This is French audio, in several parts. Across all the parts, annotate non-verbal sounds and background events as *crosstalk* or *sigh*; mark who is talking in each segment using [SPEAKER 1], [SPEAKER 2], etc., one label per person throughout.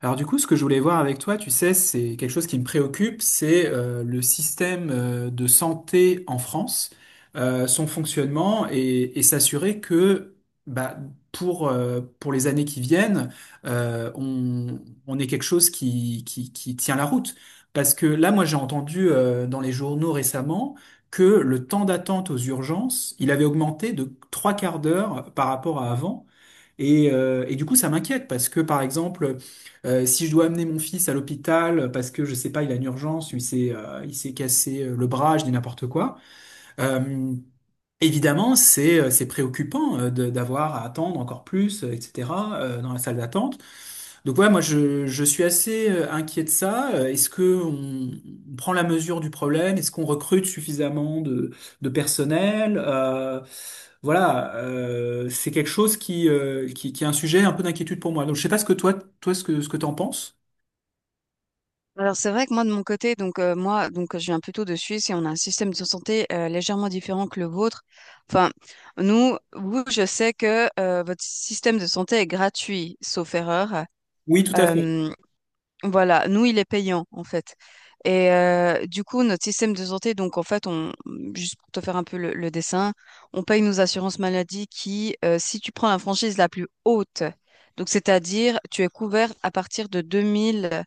[SPEAKER 1] Alors du coup, ce que je voulais voir avec toi, tu sais, c'est quelque chose qui me préoccupe, c'est le système de santé en France, son fonctionnement et s'assurer que bah, pour les années qui viennent, euh, on, on ait quelque chose qui tient la route. Parce que là, moi, j'ai entendu dans les journaux récemment que le temps d'attente aux urgences, il avait augmenté de trois quarts d'heure par rapport à avant. Et du coup, ça m'inquiète parce que, par exemple, si je dois amener mon fils à l'hôpital parce que je sais pas, il a une urgence, ou il s'est cassé le bras, je dis n'importe quoi. euh, Évidemment, c'est préoccupant d'avoir à attendre encore plus, etc. Dans la salle d'attente. Donc ouais, moi je suis assez inquiet de ça. Est-ce que on prend la mesure du problème? Est-ce qu'on recrute suffisamment de personnel? Voilà, c'est quelque chose qui est un sujet un peu d'inquiétude pour moi. Donc je sais pas ce que toi ce que t'en penses.
[SPEAKER 2] Alors c'est vrai que moi de mon côté, donc moi donc je viens plutôt de Suisse et on a un système de santé légèrement différent que le vôtre. Enfin, nous, vous, je sais que votre système de santé est gratuit, sauf erreur.
[SPEAKER 1] Oui, tout à fait.
[SPEAKER 2] Euh, voilà, nous il est payant en fait. Et du coup notre système de santé, donc en fait on juste pour te faire un peu le dessin, on paye nos assurances maladie qui, si tu prends la franchise la plus haute, donc c'est-à-dire tu es couvert à partir de 2000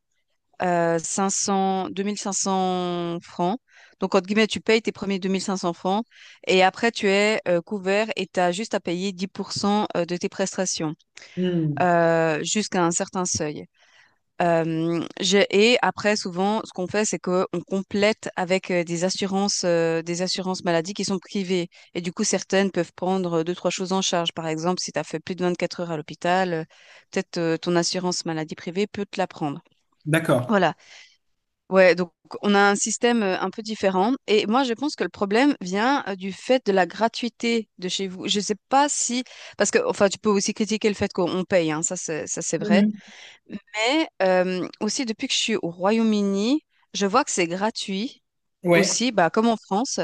[SPEAKER 2] 500, 2500 francs. Donc, entre guillemets, tu payes tes premiers 2500 francs et après, tu es couvert et tu as juste à payer 10% de tes prestations
[SPEAKER 1] Hmm,
[SPEAKER 2] jusqu'à un certain seuil. Et après, souvent, ce qu'on fait, c'est qu'on complète avec des assurances maladies qui sont privées. Et du coup, certaines peuvent prendre deux, trois choses en charge. Par exemple, si tu as fait plus de 24 heures à l'hôpital, peut-être ton assurance maladie privée peut te la prendre.
[SPEAKER 1] d'accord.
[SPEAKER 2] Voilà. Ouais, donc on a un système un peu différent. Et moi, je pense que le problème vient du fait de la gratuité de chez vous. Je sais pas si. Parce que, enfin, tu peux aussi critiquer le fait qu'on paye, hein, ça c'est vrai.
[SPEAKER 1] Mhm.
[SPEAKER 2] Mais aussi, depuis que je suis au Royaume-Uni, je vois que c'est gratuit
[SPEAKER 1] Ouais.
[SPEAKER 2] aussi, bah, comme en France.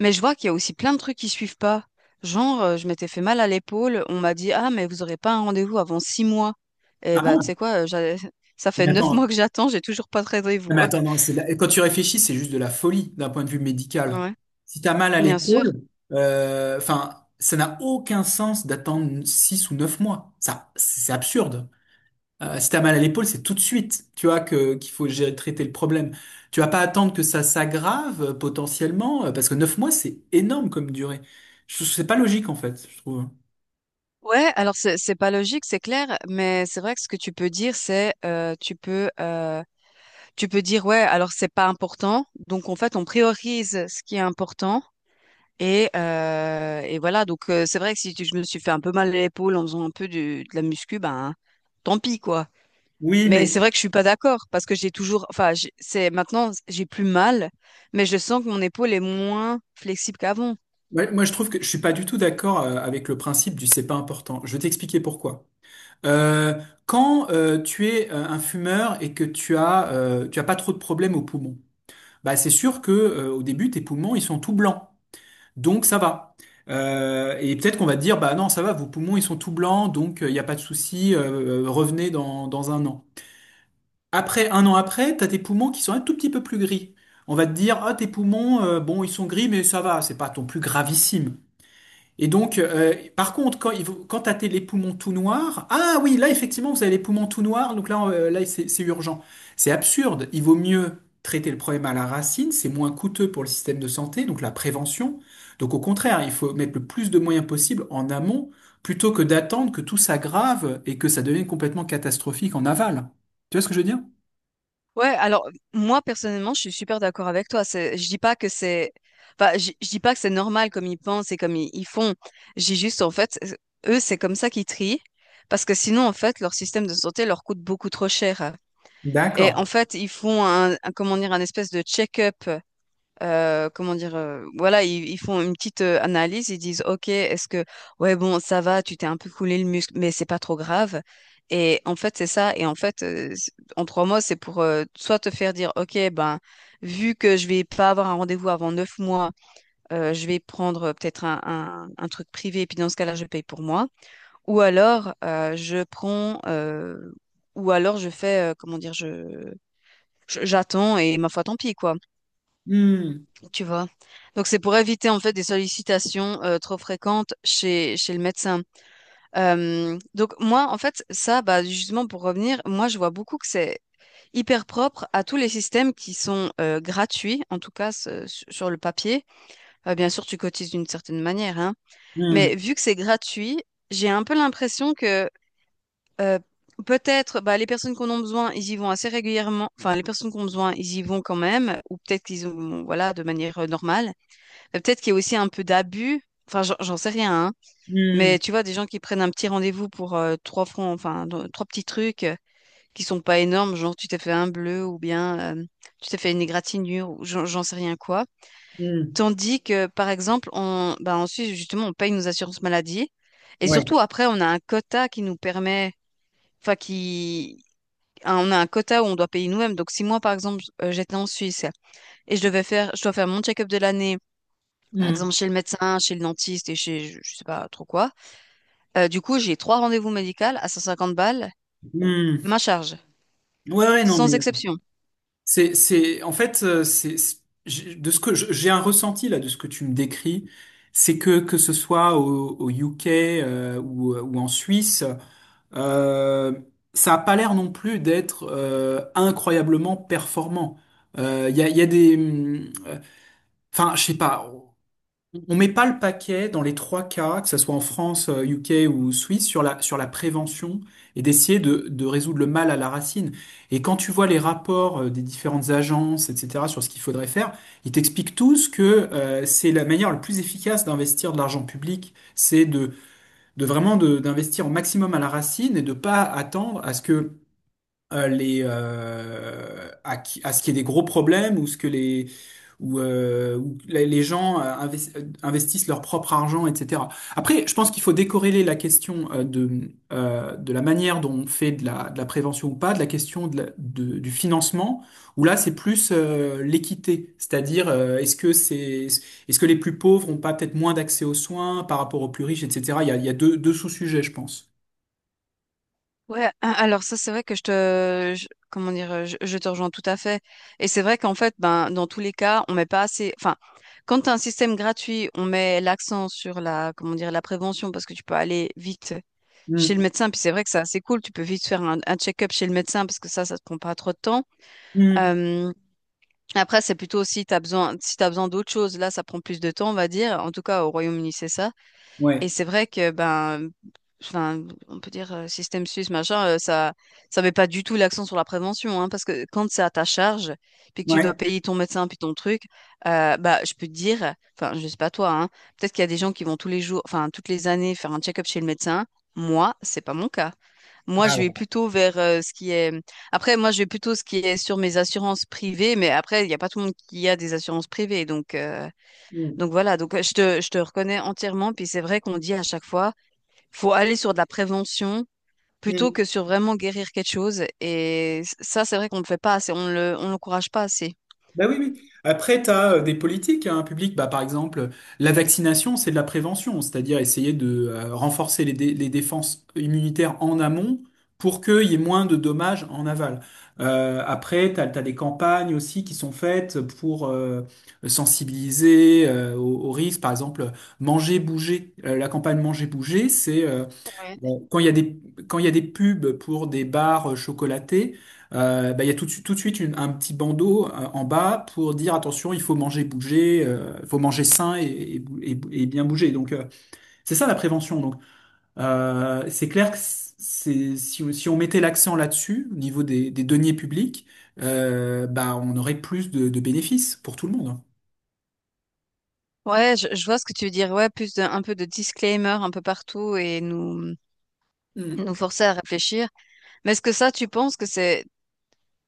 [SPEAKER 2] Mais je vois qu'il y a aussi plein de trucs qui suivent pas. Genre, je m'étais fait mal à l'épaule, on m'a dit, ah, mais vous aurez pas un rendez-vous avant 6 mois. Et
[SPEAKER 1] Ah
[SPEAKER 2] bah, tu sais
[SPEAKER 1] bon?
[SPEAKER 2] quoi, *laughs* ça fait
[SPEAKER 1] Mais
[SPEAKER 2] neuf
[SPEAKER 1] attends,
[SPEAKER 2] mois que j'attends, j'ai toujours pas de
[SPEAKER 1] mais
[SPEAKER 2] rendez-vous.
[SPEAKER 1] attends,
[SPEAKER 2] *laughs*
[SPEAKER 1] non, c'est quand tu réfléchis, c'est juste de la folie d'un point de vue médical.
[SPEAKER 2] Ouais.
[SPEAKER 1] Si t'as mal à
[SPEAKER 2] Bien sûr.
[SPEAKER 1] l'épaule, enfin, ça n'a aucun sens d'attendre 6 ou 9 mois. Ça, c'est absurde. Si t'as mal à l'épaule, c'est tout de suite, tu vois, que qu'il faut traiter le problème. Tu vas pas attendre que ça s'aggrave potentiellement, parce que 9 mois, c'est énorme comme durée. C'est pas logique, en fait, je trouve.
[SPEAKER 2] Ouais, alors c'est pas logique, c'est clair, mais c'est vrai que ce que tu peux dire, c'est tu peux dire ouais, alors c'est pas important, donc en fait on priorise ce qui est important et voilà donc c'est vrai que si tu- je me suis fait un peu mal à l'épaule en faisant un peu de la muscu, ben tant pis quoi.
[SPEAKER 1] Oui,
[SPEAKER 2] Mais
[SPEAKER 1] mais
[SPEAKER 2] c'est vrai que je suis pas d'accord parce que j'ai toujours, enfin, c'est maintenant j'ai plus mal, mais je sens que mon épaule est moins flexible qu'avant.
[SPEAKER 1] ouais, moi, je trouve que je suis pas du tout d'accord avec le principe du c'est pas important. Je vais t'expliquer pourquoi. Euh, Quand tu es un fumeur et que tu as pas trop de problèmes aux poumons, bah c'est sûr que au début tes poumons ils sont tout blancs, donc ça va. Et peut-être qu'on va te dire bah non ça va, vos poumons ils sont tout blancs, donc il n'y a pas de souci, revenez dans un an. Après un an après, t'as tes poumons qui sont un tout petit peu plus gris. On va te dire, ah, tes poumons, bon, ils sont gris, mais ça va, c'est pas ton plus gravissime. Et donc, par contre, quand t'as les poumons tout noirs, ah oui, là effectivement, vous avez les poumons tout noirs, donc là c'est urgent. C'est absurde. Il vaut mieux traiter le problème à la racine, c'est moins coûteux pour le système de santé, donc la prévention. Donc au contraire, il faut mettre le plus de moyens possible en amont, plutôt que d'attendre que tout s'aggrave et que ça devienne complètement catastrophique en aval. Tu vois ce que je veux dire?
[SPEAKER 2] Ouais, alors moi personnellement, je suis super d'accord avec toi. Je dis pas que c'est, enfin, je dis pas que c'est normal comme ils pensent et comme ils font. J'ai juste en fait, eux, c'est comme ça qu'ils trient, parce que sinon en fait, leur système de santé leur coûte beaucoup trop cher. Et en
[SPEAKER 1] D'accord.
[SPEAKER 2] fait, ils font comment dire, un espèce de check-up comment dire, voilà, ils font une petite analyse, ils disent, OK, est-ce que, ouais, bon, ça va, tu t'es un peu coulé le muscle, mais c'est pas trop grave. Et en fait, c'est ça. Et en fait, en 3 mois, c'est pour soit te faire dire, OK, ben, vu que je vais pas avoir un rendez-vous avant 9 mois, je vais prendre peut-être un truc privé, et puis dans ce cas-là, je paye pour moi. Ou alors, je prends, ou alors je fais, comment dire, j'attends et ma foi, tant pis, quoi.
[SPEAKER 1] Hmm,
[SPEAKER 2] Tu vois. Donc c'est pour éviter en fait des sollicitations trop fréquentes chez le médecin. Donc moi en fait ça bah justement pour revenir, moi je vois beaucoup que c'est hyper propre à tous les systèmes qui sont gratuits en tout cas sur le papier. Bien sûr tu cotises d'une certaine manière hein,
[SPEAKER 1] hmm,
[SPEAKER 2] mais vu que c'est gratuit, j'ai un peu l'impression que euh, peut-être, bah, les personnes qu'on a besoin, ils y vont assez régulièrement. Enfin, les personnes qu'on a besoin, ils y vont quand même, ou peut-être qu'ils ont, bon, voilà, de manière normale. Peut-être qu'il y a aussi un peu d'abus. Enfin, j'en sais rien, hein. Mais
[SPEAKER 1] hmm,
[SPEAKER 2] tu vois, des gens qui prennent un petit rendez-vous pour 3 francs, enfin, trois petits trucs qui sont pas énormes, genre tu t'es fait un bleu ou bien tu t'es fait une égratignure ou j'en sais rien quoi.
[SPEAKER 1] hmm.
[SPEAKER 2] Tandis que, par exemple, on, bah, en Suisse, justement, on paye nos assurances maladie. Et
[SPEAKER 1] Ouais.
[SPEAKER 2] surtout, après, on a un quota qui nous permet, enfin, qui, on a un quota où on doit payer nous-mêmes. Donc, si moi, par exemple, j'étais en Suisse et je devais faire, je dois faire mon check-up de l'année, par exemple
[SPEAKER 1] Hmm,
[SPEAKER 2] chez le médecin, chez le dentiste et chez je sais pas trop quoi. Du coup, j'ai trois rendez-vous médicaux à 150 balles,
[SPEAKER 1] hmm.
[SPEAKER 2] ma charge,
[SPEAKER 1] Ouais, ouais, non mais.
[SPEAKER 2] sans exception.
[SPEAKER 1] En fait, de ce que j'ai un ressenti là de ce que tu me décris, c'est que ce soit au UK, ou, en Suisse, euh, ça a pas l'air non plus d'être incroyablement performant. Il y a des, enfin, je sais pas. On met pas le paquet dans les trois cas, que ce soit en France, UK ou Suisse, sur la prévention et d'essayer de résoudre le mal à la racine. Et quand tu vois les rapports des différentes agences, etc., sur ce qu'il faudrait faire, ils t'expliquent tous que c'est la manière la plus efficace d'investir de l'argent public, c'est de vraiment d'investir au maximum à la racine et de pas attendre à ce que à ce qu'il y ait des gros problèmes ou ce que les ou que les gens investissent leur propre argent, etc. Après, je pense qu'il faut décorréler la question de la manière dont on fait de la prévention ou pas, de la question du financement, où là, c'est plus l'équité, c'est-à-dire est-ce que les plus pauvres ont pas peut-être moins d'accès aux soins par rapport aux plus riches, etc. Il y a deux, deux sous-sujets, je pense.
[SPEAKER 2] Ouais, alors ça c'est vrai que comment dire, je te rejoins tout à fait. Et c'est vrai qu'en fait, ben dans tous les cas, on met pas assez. Enfin, quand t'as un système gratuit, on met l'accent sur la comment dire la prévention parce que tu peux aller vite chez le
[SPEAKER 1] Mm.
[SPEAKER 2] médecin. Puis c'est vrai que c'est assez cool, tu peux vite faire un check-up chez le médecin parce que ça te prend pas trop de temps.
[SPEAKER 1] Mm.
[SPEAKER 2] Euh, Après, c'est plutôt si tu as besoin, si tu besoin d'autre chose. Là, ça prend plus de temps, on va dire. En tout cas, au Royaume-Uni, c'est ça.
[SPEAKER 1] Ouais,
[SPEAKER 2] Et c'est vrai que, ben, enfin, on peut dire système suisse, machin, ça met pas du tout l'accent sur la prévention, hein, parce que quand c'est à ta charge, puis que tu dois
[SPEAKER 1] ouais.
[SPEAKER 2] payer ton médecin, puis ton truc, bah, je peux te dire, enfin, je sais pas toi, hein, peut-être qu'il y a des gens qui vont tous les jours, enfin, toutes les années faire un check-up chez le médecin. Moi, c'est pas mon cas. Moi, je vais
[SPEAKER 1] Ah
[SPEAKER 2] plutôt vers ce qui est. Après, moi, je vais plutôt ce qui est sur mes assurances privées, mais après, il n'y a pas tout le monde qui a des assurances privées, donc. euh,
[SPEAKER 1] ouais.
[SPEAKER 2] donc Voilà, donc je te reconnais entièrement. Puis c'est vrai qu'on dit à chaque fois, faut aller sur de la prévention plutôt
[SPEAKER 1] Mm.
[SPEAKER 2] que sur vraiment guérir quelque chose. Et ça, c'est vrai qu'on ne le fait pas assez, on l'encourage pas assez.
[SPEAKER 1] Bah oui, oui. Après, tu as des politiques, hein, publiques. Bah, par exemple, la vaccination, c'est de la prévention, c'est-à-dire essayer de renforcer les défenses immunitaires en amont pour qu'il y ait moins de dommages en aval. Après, tu as, des campagnes aussi qui sont faites pour sensibiliser aux risques. Par exemple, manger, bouger. La campagne manger, bouger, c'est.
[SPEAKER 2] Ouais,
[SPEAKER 1] Bon, quand il y a des pubs pour des barres chocolatés, bah, il y a tout de suite un petit bandeau en bas pour dire attention, il faut manger, bouger, il faut manger sain et bien bouger. Donc c'est ça la prévention. Donc c'est clair que c'est si on mettait l'accent là-dessus au niveau des deniers publics, bah on aurait plus de bénéfices pour tout le monde.
[SPEAKER 2] ouais, je vois ce que tu veux dire. Ouais, plus de, un peu de disclaimer un peu partout et nous,
[SPEAKER 1] Mm.
[SPEAKER 2] nous forcer à réfléchir. Mais est-ce que ça, tu penses que c'est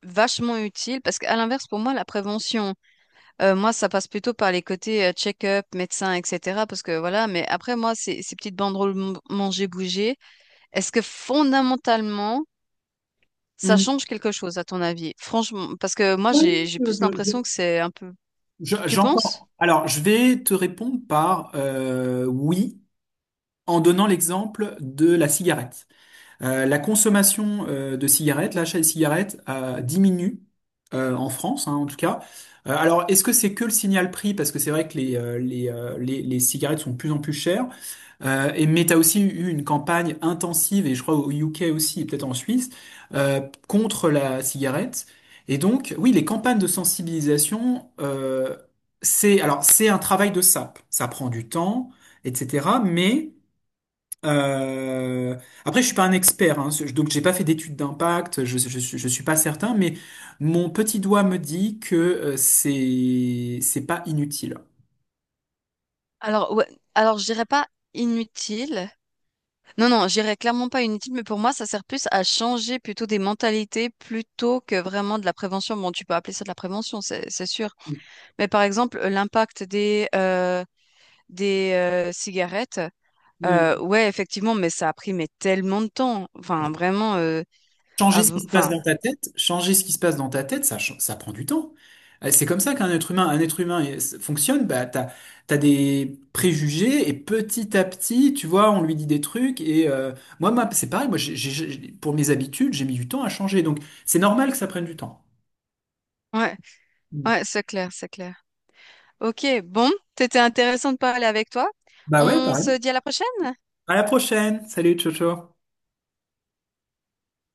[SPEAKER 2] vachement utile parce qu'à l'inverse, pour moi, la prévention, moi, ça passe plutôt par les côtés check-up, médecin, etc. Parce que voilà, mais après, moi, ces petites banderoles manger, bouger, est-ce que fondamentalement, ça
[SPEAKER 1] Mm.
[SPEAKER 2] change quelque chose à ton avis? Franchement, parce que moi,
[SPEAKER 1] Oui,
[SPEAKER 2] j'ai
[SPEAKER 1] je-
[SPEAKER 2] plus
[SPEAKER 1] je-
[SPEAKER 2] l'impression que
[SPEAKER 1] je-
[SPEAKER 2] c'est un peu. Tu penses?
[SPEAKER 1] j'entends. Alors, je vais te répondre par oui, en donnant l'exemple de la cigarette. La consommation de cigarettes, l'achat de cigarettes diminue en France, hein, en tout cas. Alors, est-ce que c'est que le signal prix? Parce que c'est vrai que les cigarettes sont de plus en plus chères. Et, mais tu as aussi eu une campagne intensive, et je crois au UK aussi, et peut-être en Suisse, euh, contre la cigarette. Et donc, oui, les campagnes de sensibilisation, c'est alors c'est un travail de sape. Ça prend du temps, etc. Mais euh, Après, je suis pas un expert, hein, donc j'ai pas fait d'études d'impact, je suis pas certain, mais mon petit doigt me dit que c'est pas inutile.
[SPEAKER 2] Alors, ouais, alors je dirais pas inutile. Non, non, je dirais clairement pas inutile, mais pour moi, ça sert plus à changer plutôt des mentalités plutôt que vraiment de la prévention. Bon, tu peux appeler ça de la prévention, c'est sûr. Mais par exemple, l'impact des cigarettes,
[SPEAKER 1] Hmm.
[SPEAKER 2] ouais, effectivement, mais ça a pris mais tellement de temps. Enfin, vraiment,
[SPEAKER 1] Changer ce qui se passe
[SPEAKER 2] enfin,
[SPEAKER 1] dans ta tête, changer ce qui se passe dans ta tête, ça prend du temps. C'est comme ça qu'un être humain, un être humain fonctionne. Bah, t'as des préjugés et petit à petit, tu vois, on lui dit des trucs. Et moi, c'est pareil. Moi, pour mes habitudes, j'ai mis du temps à changer. Donc, c'est normal que ça prenne du temps.
[SPEAKER 2] ouais,
[SPEAKER 1] Hmm.
[SPEAKER 2] ouais, c'est clair, c'est clair. Ok, bon, c'était intéressant de parler avec toi.
[SPEAKER 1] Bah ouais,
[SPEAKER 2] On
[SPEAKER 1] pareil.
[SPEAKER 2] se dit à la prochaine.
[SPEAKER 1] À la prochaine. Salut, ciao, ciao.